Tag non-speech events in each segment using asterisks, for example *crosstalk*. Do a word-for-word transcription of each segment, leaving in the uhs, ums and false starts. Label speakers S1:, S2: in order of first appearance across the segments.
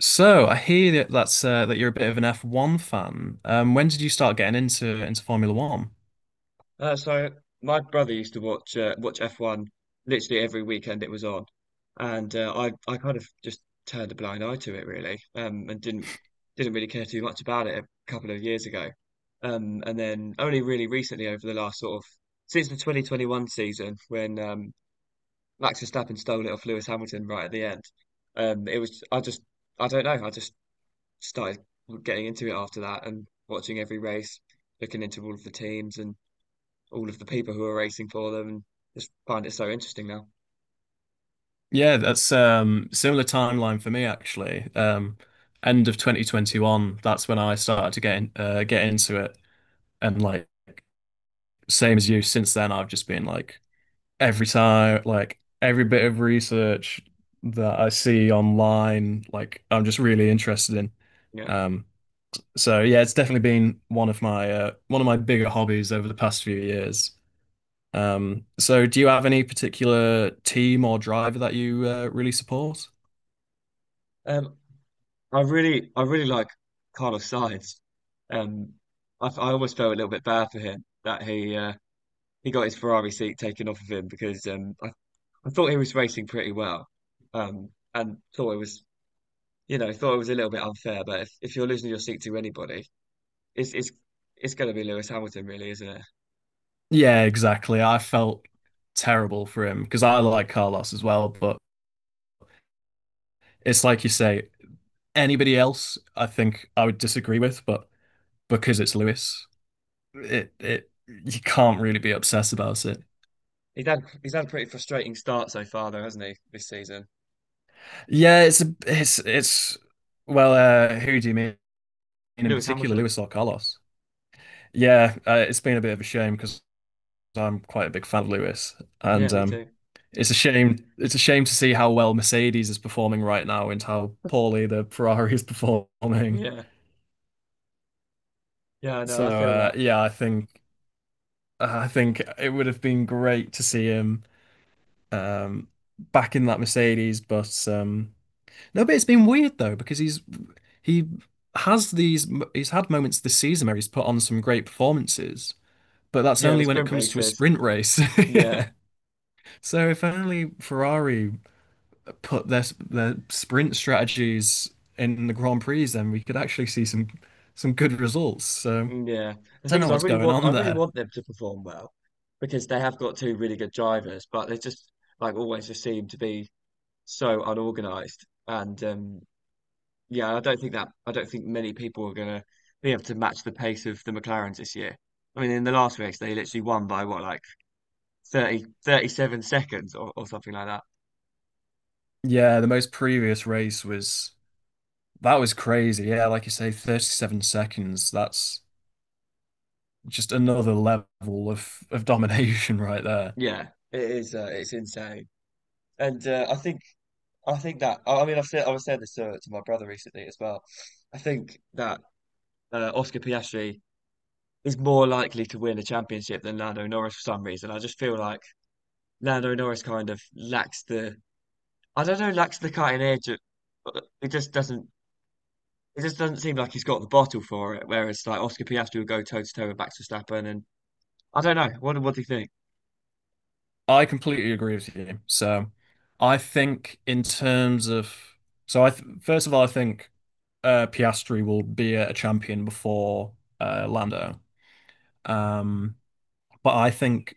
S1: So I hear that that's uh, that you're a bit of an F one fan. Um, when did you start getting into into Formula One?
S2: Uh, so my brother used to watch uh, watch F one literally every weekend it was on, and uh, I I kind of just turned a blind eye to it really, um, and didn't didn't really care too much about it a couple of years ago, um, and then only really recently over the last sort of since the twenty twenty-one season when um, Max Verstappen stole it off Lewis Hamilton right at the end. Um, it was I just I don't know I just started getting into it after that and watching every race, looking into all of the teams and all of the people who are racing for them, and just find it so interesting now.
S1: Yeah, that's um similar timeline for me actually. Um, end of twenty twenty-one, that's when I started to get in, uh, get into it, and like same as you, since then I've just been like every time, like every bit of research that I see online, like I'm just really interested in.
S2: Yeah.
S1: Um, So yeah, it's definitely been one of my uh, one of my bigger hobbies over the past few years. Um, so do you have any particular team or driver that you uh, really support?
S2: Um, I really, I really like Carlos Sainz. Um, I, I almost felt a little bit bad for him that he uh, he got his Ferrari seat taken off of him, because um, I, I thought he was racing pretty well, um, and thought it was, you know thought it was a little bit unfair. But if, if you're losing your seat to anybody, it's it's it's going to be Lewis Hamilton, really, isn't it?
S1: Yeah, exactly. I felt terrible for him because I like Carlos as well, but it's like you say, anybody else I think I would disagree with, but because it's Lewis, it it you can't really be obsessed about it.
S2: He's had he's had a pretty frustrating start so far, though, hasn't he, this season?
S1: Yeah. it's a, it's it's Well, uh, who do you mean in
S2: Lewis
S1: particular,
S2: Hamilton.
S1: Lewis or Carlos? Yeah, uh, it's been a bit of a shame because I'm quite a big fan of Lewis, and
S2: Yeah, me
S1: um,
S2: too.
S1: it's a shame. It's a shame to see how well Mercedes is performing right now and how poorly the Ferrari is *laughs* performing.
S2: Yeah. Yeah, no,
S1: So,
S2: I feel
S1: uh,
S2: that.
S1: yeah, I think I think it would have been great to see him um, back in that Mercedes, but um, no, but it's been weird though because he's he has these he's had moments this season where he's put on some great performances, but that's
S2: Yeah, the
S1: only when it
S2: sprint
S1: comes to a
S2: races.
S1: sprint race. *laughs*
S2: Yeah,
S1: Yeah. So if only Ferrari put their their sprint strategies in the Grand Prix, then we could actually see some some good results. So I
S2: mm, yeah. The
S1: don't
S2: thing is,
S1: know
S2: I
S1: what's
S2: really
S1: going
S2: want, I
S1: on
S2: really
S1: there.
S2: want them to perform well, because they have got two really good drivers, but they just like always just seem to be so unorganized. And um, yeah, I don't think that, I don't think many people are gonna be able to match the pace of the McLarens this year. I mean, in the last race, they literally won by what, like thirty thirty seven seconds, or, or something like that.
S1: Yeah, the most previous race was that was crazy. Yeah, like you say, thirty-seven seconds. That's just another level of of domination *laughs* right there.
S2: Yeah, it is, uh, it's insane. And uh, I think. I think that I I mean I've said I was saying this to, to my brother recently as well. I think that uh, Oscar Piastri is more likely to win a championship than Lando Norris for some reason. I just feel like Lando Norris kind of lacks the, I don't know lacks the cutting edge. Of, it just doesn't it just doesn't seem like he's got the bottle for it. Whereas like Oscar Piastri will go toe to toe with Max Verstappen. And I don't know what what do you think?
S1: I completely agree with you. So I think in terms of so I th first of all I think. uh, Piastri will be a champion before uh, Lando. Um, but I think,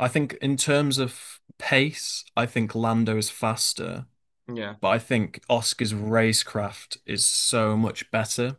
S1: I think in terms of pace, I think Lando is faster.
S2: Yeah,
S1: But I think Oscar's racecraft is so much better.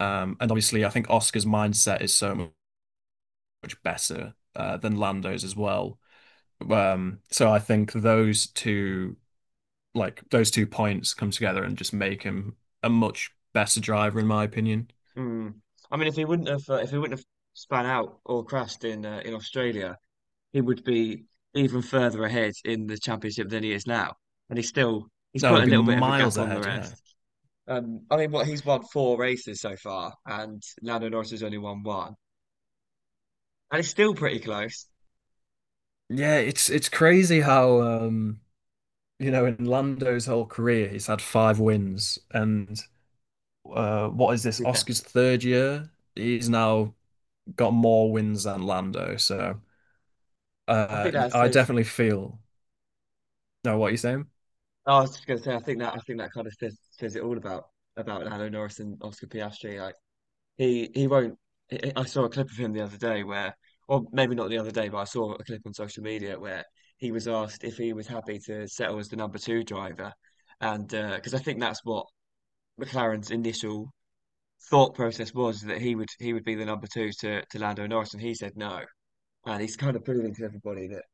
S1: Um, and obviously, I think Oscar's mindset is so much better uh, than Lando's as well. Um, so I think those two, like those two points, come together and just make him a much better driver, in my opinion.
S2: mm. I mean if he wouldn't have uh, if he wouldn't have spun out or crashed in uh, in Australia, he would be even further ahead in the championship than he is now. And he's still he's
S1: No,
S2: put
S1: he'd
S2: a
S1: be
S2: little bit of a
S1: miles
S2: gap on the
S1: ahead. Yeah.
S2: rest. Um, I mean, what, he's won four races so far, and Lando Norris has only won one, and it's still pretty close.
S1: Yeah, it's it's crazy how um you know in Lando's whole career he's had five wins, and uh what is this,
S2: Yeah,
S1: Oscar's third year? He's now got more wins than Lando. So
S2: I
S1: uh
S2: think that
S1: I
S2: says.
S1: definitely feel. No, what are you saying?
S2: I was just going to say, I think that I think that kind of says, says it all about about Lando Norris and Oscar Piastri. Like, He he won't. I I saw a clip of him the other day where, or maybe not the other day, but I saw a clip on social media where he was asked if he was happy to settle as the number two driver. And because I think that's what McLaren's initial thought process was, that he would he would be the number two to to Lando Norris, and he said no. And he's kind of proving to everybody that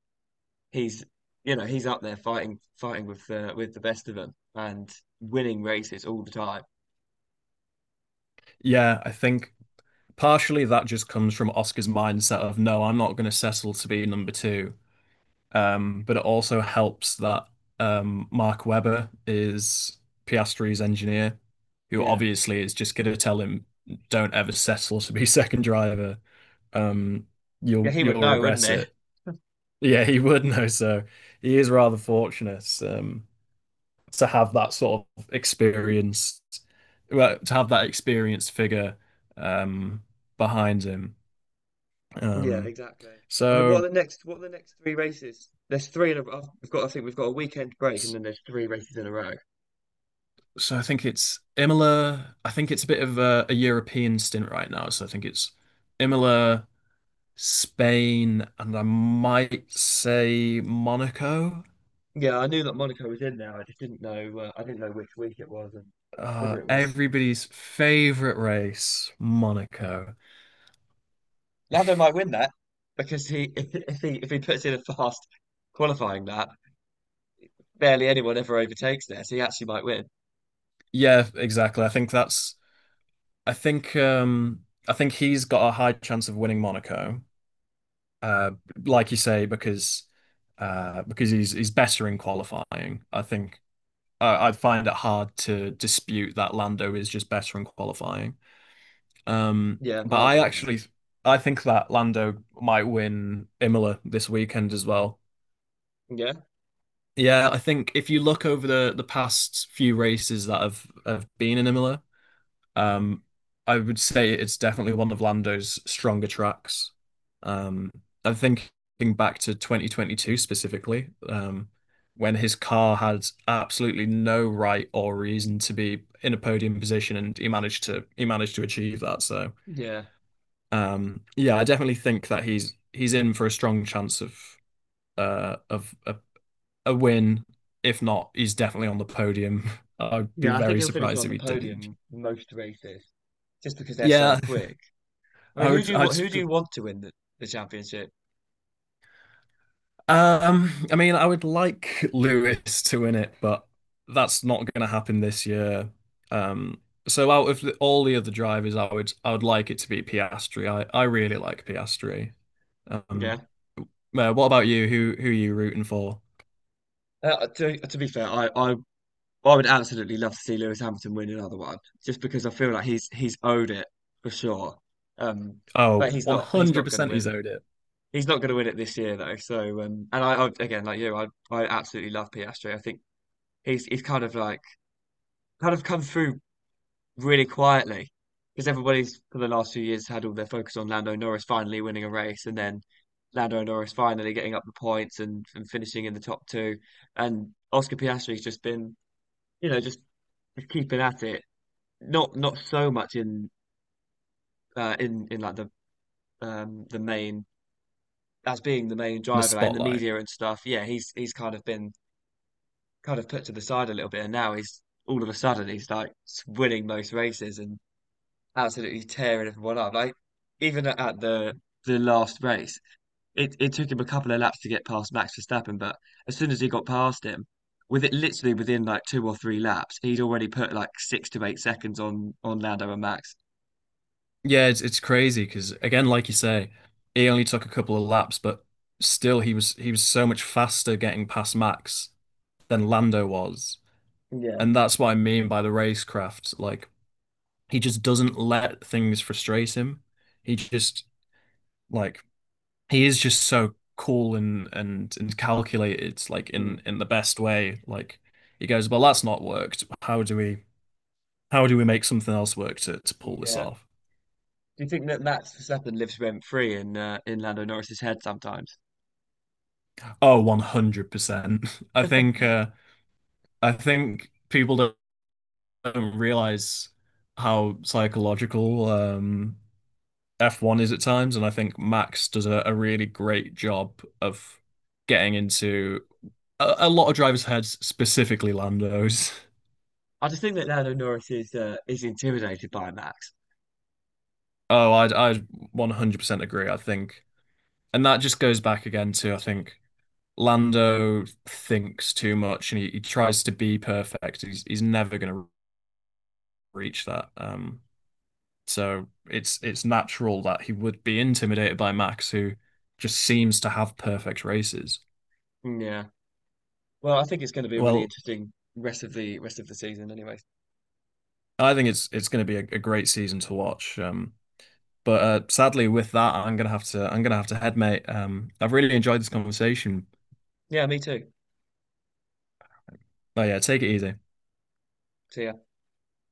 S2: he's, you know he's up there fighting fighting with the, with the best of them, and winning races all the time.
S1: Yeah, I think partially that just comes from Oscar's mindset of, no, I'm not going to settle to be number two. Um, but it also helps that um, Mark Webber is Piastri's engineer, who
S2: Yeah,
S1: obviously is just going to tell him, "Don't ever settle to be *laughs* second driver. Um,
S2: yeah,
S1: you'll
S2: he would
S1: you'll
S2: know, wouldn't
S1: regret
S2: he?
S1: it." Yeah, he would know. So he is rather fortunate um, to have that sort of experience, well, to have that experienced figure um, behind him.
S2: Yeah,
S1: Um,
S2: exactly. I mean, what
S1: so.
S2: are the next? What are the next three races? There's three in a. have I've- We've got. I think we've got a weekend break, and then there's three races in a row.
S1: So I think it's Imola. I think it's a bit of a, a European stint right now. So I think it's Imola, Spain, and I might say Monaco.
S2: Yeah, I knew that Monaco was in there. I just didn't know. Uh, I didn't know which week it was, and
S1: Uh,
S2: whether it was.
S1: everybody's favorite race, Monaco.
S2: Lando might win that, because he, *laughs* if he, if he puts in a fast qualifying lap, barely anyone ever overtakes there, so he actually might win.
S1: Yeah, exactly. I think that's. I think. Um. I think he's got a high chance of winning Monaco. Uh, like you say, because. Uh, because he's he's better in qualifying. I think uh, I'd find it hard to dispute that Lando is just better in qualifying. Um,
S2: Yeah,
S1: but
S2: I
S1: I
S2: agree with that.
S1: actually I think that Lando might win Imola this weekend as well.
S2: Yeah,
S1: Yeah, I think if you look over the the past few races that have have been in Imola, um, I would say it's definitely one of Lando's stronger tracks. Um, I'm thinking back to twenty twenty-two specifically, um, when his car had absolutely no right or reason to be in a podium position, and he managed to he managed to achieve that. So,
S2: yeah.
S1: um, yeah, I definitely think that he's he's in for a strong chance of uh of a, a win. If not, he's definitely on the podium. *laughs* I'd be
S2: Yeah, I think
S1: very
S2: he'll finish
S1: surprised
S2: on
S1: if
S2: the
S1: he didn't.
S2: podium in most races just because they're so
S1: Yeah,
S2: quick. I
S1: I
S2: mean, who
S1: would.
S2: do you
S1: I'd
S2: wa- who do you want to win the, the championship?
S1: Um, I mean, I would like Lewis to win it, but that's not going to happen this year. Um, so out of the, all the other drivers, I would I would like it to be Piastri. I I really like Piastri.
S2: Yeah.
S1: Um, uh, what about you? Who who are you rooting for?
S2: Uh, to to be fair, I, I I would absolutely love to see Lewis Hamilton win another one, just because I feel like he's he's owed it for sure. Um,
S1: Oh,
S2: but he's not he's not going to
S1: one hundred percent he's
S2: win.
S1: owed it.
S2: He's not going to win it this year though. So um, and I, I again, like you, I I absolutely love Piastri. I think he's he's kind of like kind of come through really quietly, because everybody's for the last few years had all their focus on Lando Norris finally winning a race, and then Lando Norris finally getting up the points, and, and finishing in the top two. And Oscar Piastri's just been, you know, just keeping at it. Not not so much in uh, in in like the, um the main, as being the main
S1: In the
S2: driver, like in the
S1: spotlight.
S2: media and stuff. Yeah, he's he's kind of been kind of put to the side a little bit, and now he's, all of a sudden he's like, winning most races and absolutely tearing everyone up. Like, even at at the the last race, it, it took him a couple of laps to get past Max Verstappen, but as soon as he got past him, with it literally within like two or three laps, he'd already put like six to eight seconds on on Lando and Max.
S1: Yeah, it's it's crazy because again, like you say, he only took a couple of laps, but still he was he was so much faster getting past Max than Lando was.
S2: Yeah.
S1: And that's what I mean by the racecraft. Like he just doesn't let things frustrate him. He just Like he is just so cool and and and calculated, like
S2: Mm.
S1: in in the best way. Like he goes, well, that's not worked. How do we how do we make something else work to to pull this
S2: Yeah.
S1: off?
S2: Do you think that Max Verstappen lives rent free in uh, in Lando Norris's head sometimes?
S1: Oh, one hundred percent. *laughs* I think uh I think people don't, don't realize how psychological um F one is at times, and I think Max does a, a really great job of getting into a, a lot of drivers' heads, specifically Lando's. *laughs*
S2: I just think that Lando Norris is uh, is intimidated by Max.
S1: Oh, I'd I'd one hundred percent agree, I think. And that just goes back again to, I think, Lando thinks too much and he, he tries to be perfect. He's he's never going to reach that. Um, so it's it's natural that he would be intimidated by Max, who just seems to have perfect races.
S2: Yeah. Well, I think it's going to be a really
S1: Well,
S2: interesting rest of the rest of the season, anyways.
S1: I think it's it's going to be a, a great season to watch. Um, but uh, sadly, with that, I'm gonna have to I'm gonna have to head, mate. Um, I've really enjoyed this conversation.
S2: Yeah, me too.
S1: But yeah, take it easy.
S2: See ya.